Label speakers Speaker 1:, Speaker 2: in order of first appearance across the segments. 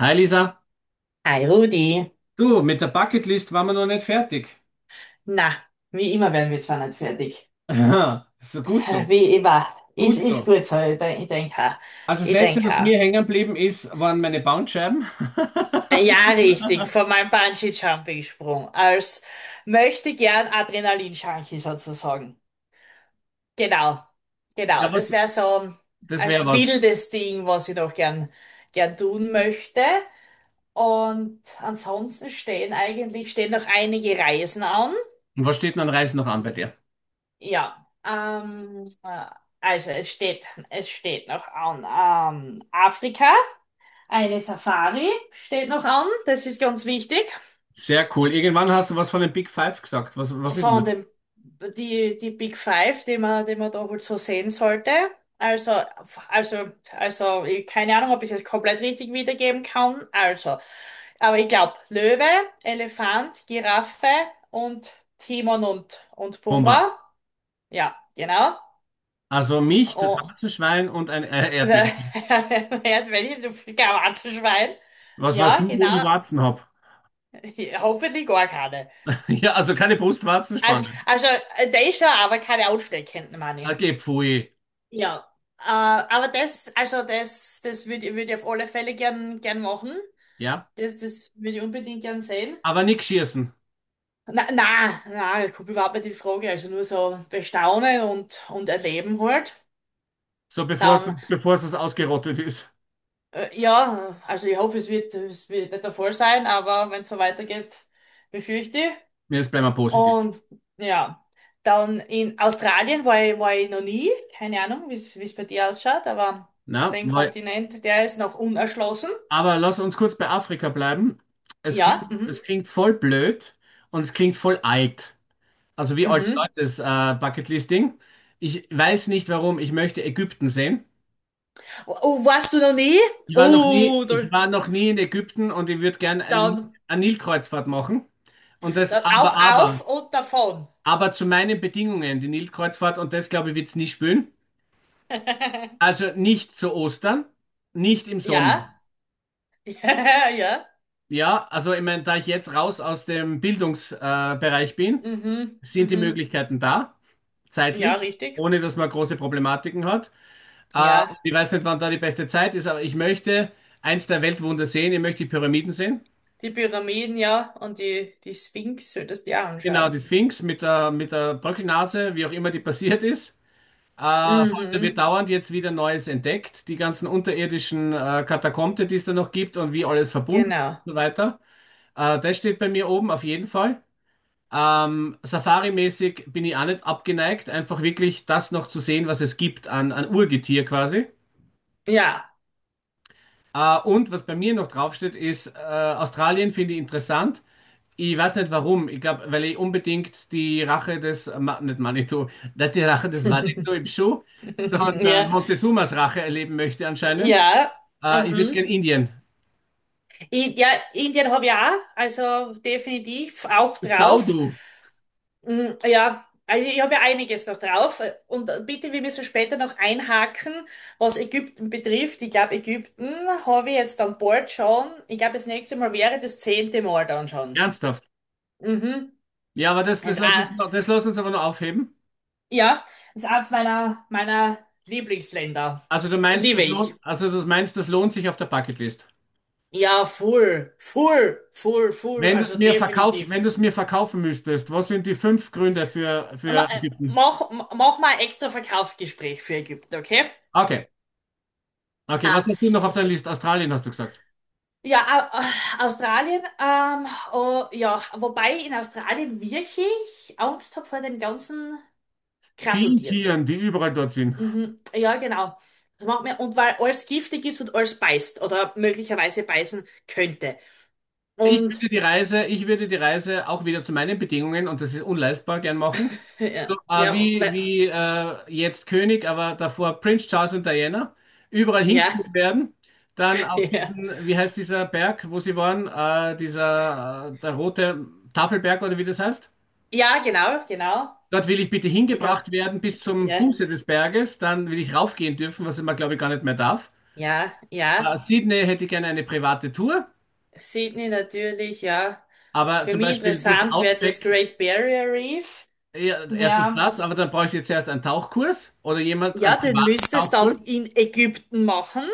Speaker 1: Hi Lisa,
Speaker 2: Hi Rudi.
Speaker 1: du, mit der Bucketlist waren wir noch nicht fertig.
Speaker 2: Na, wie immer werden wir zwar nicht fertig.
Speaker 1: Aha, so gut so,
Speaker 2: Wie immer. Es
Speaker 1: gut
Speaker 2: ist
Speaker 1: so.
Speaker 2: gut so. Ich denke, ich denk auch.
Speaker 1: Also das
Speaker 2: Ich
Speaker 1: Letzte,
Speaker 2: denk
Speaker 1: was
Speaker 2: auch.
Speaker 1: mir hängen geblieben ist, waren meine Bandscheiben.
Speaker 2: Ja, richtig. Von meinem Bungee-Jumping-Sprung. Als möchte gern Adrenalin-Junkie sozusagen. Genau. Genau.
Speaker 1: Ja,
Speaker 2: Das
Speaker 1: was,
Speaker 2: wäre so
Speaker 1: das wäre
Speaker 2: als
Speaker 1: was.
Speaker 2: wildes Ding, was ich noch gern tun möchte. Und ansonsten stehen noch einige Reisen an.
Speaker 1: Und was steht denn an Reisen noch an bei dir?
Speaker 2: Ja, also es steht noch an Afrika. Eine Safari steht noch an, das ist ganz wichtig.
Speaker 1: Sehr cool. Irgendwann hast du was von den Big Five gesagt. Was, was ist denn das?
Speaker 2: Von dem, die Big Five, die man da wohl so sehen sollte. Also, also, ich, keine Ahnung, ob ich es jetzt komplett richtig wiedergeben kann. Also, aber ich glaube, Löwe, Elefant, Giraffe und Timon und
Speaker 1: Bomba.
Speaker 2: Pumba. Ja, genau.
Speaker 1: Also mich, das
Speaker 2: Oh.
Speaker 1: Warzenschwein und ein Erdmännchen.
Speaker 2: Hört, wenn ich, du Schwein.
Speaker 1: Was weißt
Speaker 2: Ja,
Speaker 1: du, wo ich
Speaker 2: genau.
Speaker 1: Warzen hab?
Speaker 2: Hoffentlich gar keine.
Speaker 1: Ja, also keine Brustwarzenspanne.
Speaker 2: Also der ist schon, aber keine ansteckenden, meine ich.
Speaker 1: Okay, pfui.
Speaker 2: Ja. Aber also das, das würd ich auf alle Fälle gern machen.
Speaker 1: Ja,
Speaker 2: Das würde ich unbedingt gern sehen.
Speaker 1: aber nix schießen.
Speaker 2: Na, na, ich komme überhaupt nicht in Frage. Also nur so bestaunen und erleben halt.
Speaker 1: So
Speaker 2: Dann,
Speaker 1: bevor es ausgerottet ist.
Speaker 2: ja, also ich hoffe, es wird nicht der Fall sein, aber wenn es so weitergeht, befürchte ich.
Speaker 1: Nee, jetzt bleiben wir positiv.
Speaker 2: Und ja, dann in Australien war ich noch nie. Keine Ahnung, wie es bei dir ausschaut, aber
Speaker 1: Na,
Speaker 2: den
Speaker 1: weil,
Speaker 2: Kontinent, der ist noch unerschlossen.
Speaker 1: aber lass uns kurz bei Afrika bleiben.
Speaker 2: Ja, mhm.
Speaker 1: Es klingt voll blöd und es klingt voll alt. Also wie alte
Speaker 2: Mhm.
Speaker 1: Leute das Bucketlisting. Ich weiß nicht warum, ich möchte Ägypten sehen.
Speaker 2: Oh, oh, warst du noch nie?
Speaker 1: Ich war noch nie,
Speaker 2: Oh, da,
Speaker 1: ich war noch nie in Ägypten und ich würde gerne
Speaker 2: dann,
Speaker 1: eine Nilkreuzfahrt machen. Und das
Speaker 2: dann auf und davon.
Speaker 1: aber zu meinen Bedingungen, die Nilkreuzfahrt, und das glaube ich, wird's nie spüren. Also nicht zu Ostern, nicht im
Speaker 2: Ja,
Speaker 1: Sommer.
Speaker 2: ja, ja.
Speaker 1: Ja, also ich meine, da ich jetzt raus aus dem Bildungsbereich Bereich bin,
Speaker 2: Mhm,
Speaker 1: sind die
Speaker 2: mhm.
Speaker 1: Möglichkeiten da,
Speaker 2: Ja,
Speaker 1: zeitlich,
Speaker 2: richtig.
Speaker 1: ohne dass man große Problematiken hat. Und
Speaker 2: Ja,
Speaker 1: ich weiß nicht, wann da die beste Zeit ist, aber ich möchte eins der Weltwunder sehen, ich möchte die Pyramiden sehen.
Speaker 2: die Pyramiden, ja, und die Sphinx solltest du dir
Speaker 1: Genau,
Speaker 2: anschauen.
Speaker 1: die Sphinx mit der Bröckelnase, wie auch immer die passiert ist. Heute wird
Speaker 2: Mhm,
Speaker 1: dauernd jetzt wieder Neues entdeckt, die ganzen unterirdischen Katakomben, die es da noch gibt und wie alles verbunden ist und
Speaker 2: genau.
Speaker 1: so weiter. Das steht bei mir oben auf jeden Fall. Safari-mäßig bin ich auch nicht abgeneigt, einfach wirklich das noch zu sehen, was es gibt an, an Urgetier quasi.
Speaker 2: Ja,
Speaker 1: Und was bei mir noch draufsteht, ist Australien finde ich interessant. Ich weiß nicht warum. Ich glaube, weil ich unbedingt die Rache des, Ma nicht Manitou, nicht die Rache des Manitou im Schuh, sondern
Speaker 2: ja.
Speaker 1: Montezumas Rache erleben möchte anscheinend.
Speaker 2: Ja,
Speaker 1: Ich würde
Speaker 2: mhm.
Speaker 1: gern Indien.
Speaker 2: Ja, Indien habe ich auch, also definitiv auch drauf.
Speaker 1: Saudu,
Speaker 2: Mm, ja, also ich habe ja einiges noch drauf. Und bitte, wir müssen später noch einhaken, was Ägypten betrifft. Ich glaube, Ägypten habe ich jetzt an Bord schon. Ich glaube, das nächste Mal wäre das zehnte Mal dann schon.
Speaker 1: ernsthaft.
Speaker 2: Mhm.
Speaker 1: Ja, aber das,
Speaker 2: Das ist auch,
Speaker 1: das lässt uns aber noch aufheben.
Speaker 2: ja, das ist eins meiner Lieblingsländer.
Speaker 1: Also du meinst,
Speaker 2: Liebe
Speaker 1: das
Speaker 2: ich.
Speaker 1: lohnt, also du meinst, das lohnt sich auf der Bucketlist.
Speaker 2: Ja, full,
Speaker 1: Wenn du es
Speaker 2: also
Speaker 1: mir verkauf,
Speaker 2: definitiv.
Speaker 1: wenn du es mir verkaufen müsstest, was sind die fünf Gründe für
Speaker 2: Ma- äh,
Speaker 1: Ägypten?
Speaker 2: Mach mal ein extra Verkaufsgespräch für Ägypten, okay?
Speaker 1: Okay. Okay, was
Speaker 2: Ähm,
Speaker 1: hast du noch auf deiner Liste? Australien hast du gesagt.
Speaker 2: ja, Australien, oh, ja, wobei ich in Australien wirklich Angst habe vor dem ganzen
Speaker 1: Vielen
Speaker 2: Krabbeltieren.
Speaker 1: Tieren, die überall dort sind.
Speaker 2: Mhm, ja, genau. Das macht mir, und weil alles giftig ist und alles beißt oder möglicherweise beißen könnte.
Speaker 1: Ich würde
Speaker 2: Und
Speaker 1: die Reise, ich würde die Reise auch wieder zu meinen Bedingungen, und das ist unleistbar, gern machen.
Speaker 2: ja,
Speaker 1: So, wie wie jetzt König, aber davor Prince Charles und Diana, überall
Speaker 2: ja,
Speaker 1: hingeführt werden. Dann auf
Speaker 2: ja,
Speaker 1: diesen, wie heißt dieser Berg, wo sie waren, dieser, der rote Tafelberg oder wie das heißt.
Speaker 2: ja, genau, genau.
Speaker 1: Dort will ich bitte
Speaker 2: Ich glaube,
Speaker 1: hingebracht werden bis zum
Speaker 2: ja,
Speaker 1: Fuße des Berges. Dann will ich raufgehen dürfen, was man, glaube ich, gar nicht mehr darf.
Speaker 2: ja, ja.
Speaker 1: Sydney hätte ich gerne eine private Tour,
Speaker 2: Sydney natürlich, ja.
Speaker 1: aber
Speaker 2: Für
Speaker 1: zum
Speaker 2: mich
Speaker 1: Beispiel durchs
Speaker 2: interessant wäre das
Speaker 1: Outback.
Speaker 2: Great Barrier Reef.
Speaker 1: Ja, erstens
Speaker 2: Ja.
Speaker 1: das, aber dann brauche ich jetzt erst einen Tauchkurs oder jemand, einen
Speaker 2: Ja, den
Speaker 1: privaten
Speaker 2: müsstest du dann
Speaker 1: Tauchkurs.
Speaker 2: in Ägypten machen,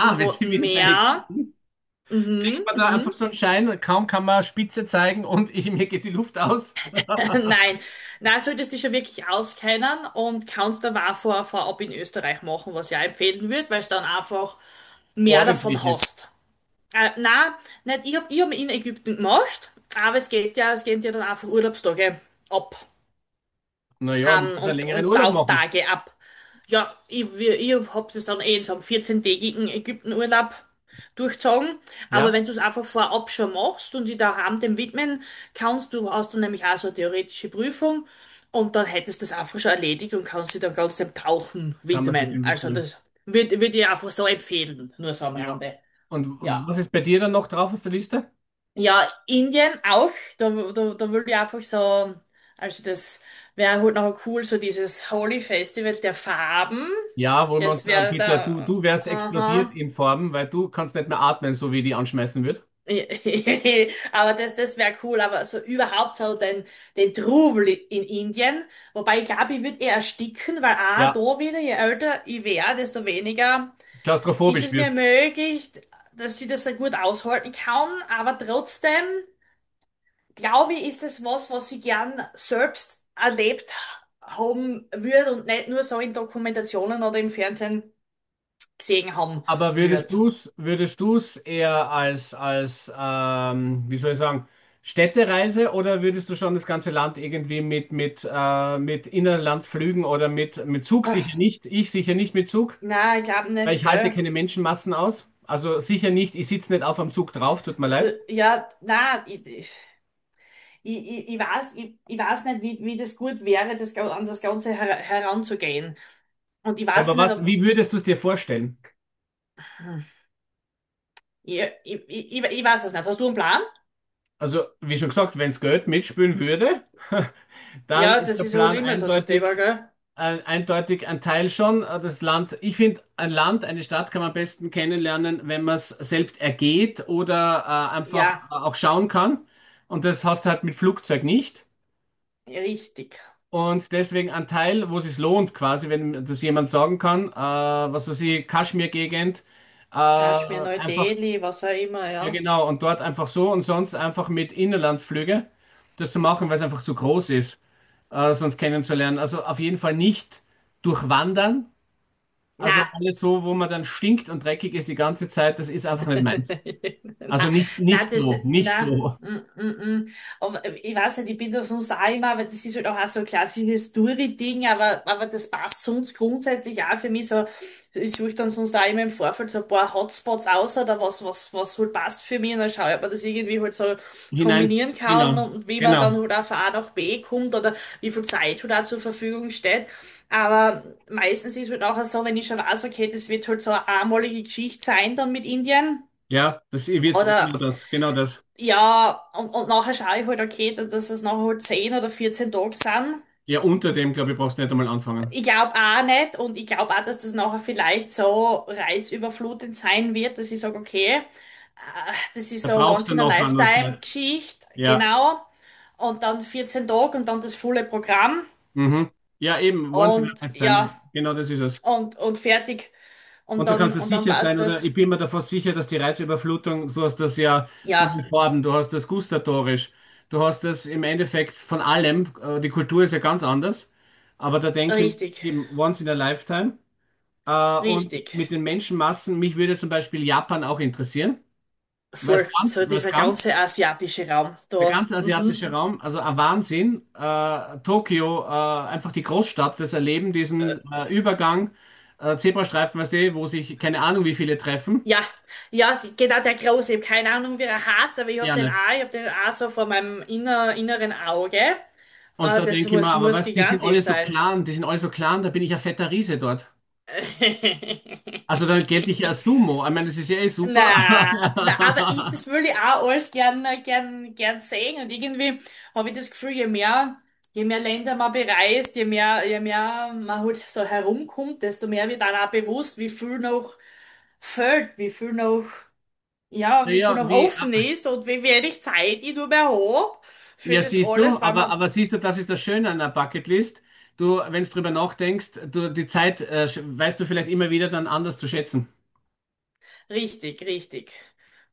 Speaker 2: im
Speaker 1: wir sind
Speaker 2: Roten
Speaker 1: wieder bei.
Speaker 2: Meer.
Speaker 1: Ich
Speaker 2: Mhm,
Speaker 1: habe da einfach
Speaker 2: mhm.
Speaker 1: so einen Schein, kaum kann man Spitze zeigen und ich, mir geht die Luft aus.
Speaker 2: Nein, nein, solltest dich schon wirklich auskennen und kannst dann auch vorab in Österreich machen, was ich auch empfehlen würde, weil du dann einfach mehr
Speaker 1: Ordentlich
Speaker 2: davon
Speaker 1: ist.
Speaker 2: hast. Nein, nicht, ich hab, in Ägypten gemacht, aber es gehen ja dann einfach Urlaubstage ab.
Speaker 1: Naja, muss
Speaker 2: Haben
Speaker 1: man einen längeren
Speaker 2: und
Speaker 1: Urlaub machen.
Speaker 2: Tauchtage ab. Ja, ich hab das dann eh in so einem 14 Ägyptenurlaub durchzogen. Aber
Speaker 1: Ja,
Speaker 2: wenn du es einfach vorab schon machst und dich daheim dem widmen kannst, du hast dann nämlich auch so eine theoretische Prüfung und dann hättest du das einfach schon erledigt und kannst dich dann ganz dem Tauchen
Speaker 1: kann man sich
Speaker 2: widmen.
Speaker 1: dem
Speaker 2: Also
Speaker 1: widmen.
Speaker 2: das würd ich einfach so empfehlen, nur so am
Speaker 1: Ja.
Speaker 2: Rande.
Speaker 1: Und
Speaker 2: Ja.
Speaker 1: was ist bei dir dann noch drauf auf der Liste?
Speaker 2: Ja, Indien auch. Da würde ich einfach so, also das wäre halt noch cool, so dieses Holi Festival der Farben.
Speaker 1: Ja, wo man
Speaker 2: Das wäre
Speaker 1: bitte, du,
Speaker 2: da,
Speaker 1: du wärst explodiert
Speaker 2: aha.
Speaker 1: in Form, weil du kannst nicht mehr atmen, so wie die anschmeißen wird.
Speaker 2: Aber das wäre cool, aber so überhaupt so den Trubel in Indien. Wobei ich glaube, ich würde eher ersticken, weil auch
Speaker 1: Ja,
Speaker 2: da wieder, je älter ich wäre, desto weniger ist
Speaker 1: klaustrophobisch
Speaker 2: es mir
Speaker 1: wirst.
Speaker 2: möglich, dass ich das so gut aushalten kann, aber trotzdem glaube ich, ist es was, was ich gern selbst erlebt haben würde und nicht nur so in Dokumentationen oder im Fernsehen gesehen haben
Speaker 1: Aber
Speaker 2: würde.
Speaker 1: würdest du es würdest du's eher als, als wie soll ich sagen, Städtereise oder würdest du schon das ganze Land irgendwie mit Inlandsflügen oder mit Zug sicher nicht? Ich sicher nicht mit Zug,
Speaker 2: Na, ich glaube
Speaker 1: weil
Speaker 2: nicht,
Speaker 1: ich halte
Speaker 2: gell?
Speaker 1: keine Menschenmassen aus. Also sicher nicht, ich sitze nicht auf am Zug drauf, tut mir
Speaker 2: Also,
Speaker 1: leid.
Speaker 2: ja, na, ich, ich, ich weiß nicht, wie das gut wäre, an das Ganze heranzugehen. Und ich weiß
Speaker 1: Aber
Speaker 2: nicht,
Speaker 1: was,
Speaker 2: ob.
Speaker 1: wie würdest du es dir vorstellen?
Speaker 2: Hm. Ich weiß es nicht. Hast du einen Plan?
Speaker 1: Also, wie schon gesagt, wenn es Geld mitspielen würde, dann
Speaker 2: Ja,
Speaker 1: ist
Speaker 2: das
Speaker 1: der
Speaker 2: ist halt
Speaker 1: Plan
Speaker 2: immer so das Thema,
Speaker 1: eindeutig,
Speaker 2: gell?
Speaker 1: Ein- eindeutig ein Teil schon. Das Land, ich finde, ein Land, eine Stadt kann man am besten kennenlernen, wenn man es selbst ergeht oder einfach
Speaker 2: Ja,
Speaker 1: auch schauen kann. Und das hast du halt mit Flugzeug nicht.
Speaker 2: richtig.
Speaker 1: Und deswegen ein Teil, wo es sich lohnt, quasi, wenn das jemand sagen kann, was weiß ich, Kaschmir-Gegend,
Speaker 2: Kaschmir,
Speaker 1: einfach,
Speaker 2: Neu-Delhi, was auch immer,
Speaker 1: ja
Speaker 2: ja.
Speaker 1: genau, und dort einfach so und sonst einfach mit Inlandsflüge das zu machen, weil es einfach zu groß ist, sonst kennenzulernen. Also auf jeden Fall nicht durchwandern.
Speaker 2: Na,
Speaker 1: Also alles so, wo man dann stinkt und dreckig ist die ganze Zeit, das ist einfach nicht meins.
Speaker 2: na,
Speaker 1: Also nicht,
Speaker 2: na,
Speaker 1: nicht
Speaker 2: das,
Speaker 1: so, nicht
Speaker 2: na,
Speaker 1: so
Speaker 2: mm, mm, mm. Aber ich weiß nicht, ich bin da sonst auch immer, aber das ist halt auch so ein klassisches Story-Ding, aber das passt sonst grundsätzlich auch für mich so. Ich suche dann sonst auch immer im Vorfeld so ein paar Hotspots aus oder was halt passt für mich und dann schaue ich, ob man das irgendwie halt so
Speaker 1: hinein.
Speaker 2: kombinieren kann
Speaker 1: Genau,
Speaker 2: und wie man
Speaker 1: genau.
Speaker 2: dann halt auch von A nach B kommt oder wie viel Zeit halt auch zur Verfügung steht. Aber meistens ist halt auch so, wenn ich schon weiß, okay, das wird halt so eine einmalige Geschichte sein dann mit Indien.
Speaker 1: Ja, das wird
Speaker 2: Oder
Speaker 1: genau das, genau das.
Speaker 2: ja, und nachher schaue ich halt, okay, dass es nachher halt 10 oder 14 Tage sind.
Speaker 1: Ja, unter dem, glaube ich, brauchst du nicht einmal anfangen.
Speaker 2: Ich glaube auch nicht und ich glaube auch, dass das nachher vielleicht so reizüberflutend sein wird, dass ich sage, okay, das ist
Speaker 1: Da
Speaker 2: so eine
Speaker 1: brauchst du noch eine Zeit.
Speaker 2: Once-in-a-Lifetime-Geschichte,
Speaker 1: Ja,
Speaker 2: genau. Und dann 14 Tage und dann das volle Programm
Speaker 1: mhm. Ja, eben, once in a
Speaker 2: und
Speaker 1: lifetime.
Speaker 2: ja,
Speaker 1: Genau das ist es.
Speaker 2: und fertig.
Speaker 1: Und da kannst du
Speaker 2: Und dann
Speaker 1: sicher sein,
Speaker 2: passt
Speaker 1: oder
Speaker 2: das.
Speaker 1: ich bin mir davor sicher, dass die Reizüberflutung, du hast das ja von den
Speaker 2: Ja,
Speaker 1: Farben, du hast das gustatorisch, du hast das im Endeffekt von allem, die Kultur ist ja ganz anders, aber da denke ich
Speaker 2: richtig,
Speaker 1: eben once in a lifetime. Und
Speaker 2: richtig.
Speaker 1: mit den Menschenmassen, mich würde zum Beispiel Japan auch interessieren,
Speaker 2: Voll, so
Speaker 1: weil es
Speaker 2: dieser
Speaker 1: ganz,
Speaker 2: ganze asiatische Raum
Speaker 1: der
Speaker 2: da.
Speaker 1: ganze
Speaker 2: Mhm.
Speaker 1: asiatische Raum, also ein Wahnsinn, Tokio, einfach die Großstadt, das Erleben, diesen Übergang, Zebrastreifen, weißt du, wo sich keine Ahnung wie viele treffen.
Speaker 2: Ja, ja, genau der Große. Ich habe keine Ahnung, wie er heißt, aber ich habe
Speaker 1: Ja,
Speaker 2: den
Speaker 1: nicht.
Speaker 2: auch, ich habe den auch so vor meinem inneren Auge.
Speaker 1: Und da
Speaker 2: Das
Speaker 1: denke ich mir,
Speaker 2: muss,
Speaker 1: aber
Speaker 2: muss
Speaker 1: weißt, die sind
Speaker 2: gigantisch
Speaker 1: alle so
Speaker 2: sein.
Speaker 1: klein, die sind alle so klein, da bin ich ein fetter Riese dort. Also dann gelte ich ja als Sumo. Ich meine, das ist ja eh
Speaker 2: Na, na, aber ich,
Speaker 1: super.
Speaker 2: das will ich auch alles gern sehen. Und irgendwie habe ich das Gefühl, je mehr Länder man bereist, je mehr man halt so herumkommt, desto mehr wird dann auch bewusst, wie viel noch fehlt, wie viel noch. Ja, wie viel
Speaker 1: Naja,
Speaker 2: noch
Speaker 1: wie,
Speaker 2: offen ist und wie wenig Zeit ich nur mehr habe für
Speaker 1: ja,
Speaker 2: das
Speaker 1: siehst du,
Speaker 2: alles, weil man.
Speaker 1: aber siehst du, das ist das Schöne an der Bucketlist. Du, wenn du drüber nachdenkst, du, die Zeit, weißt du vielleicht immer wieder dann anders zu schätzen.
Speaker 2: Richtig, richtig.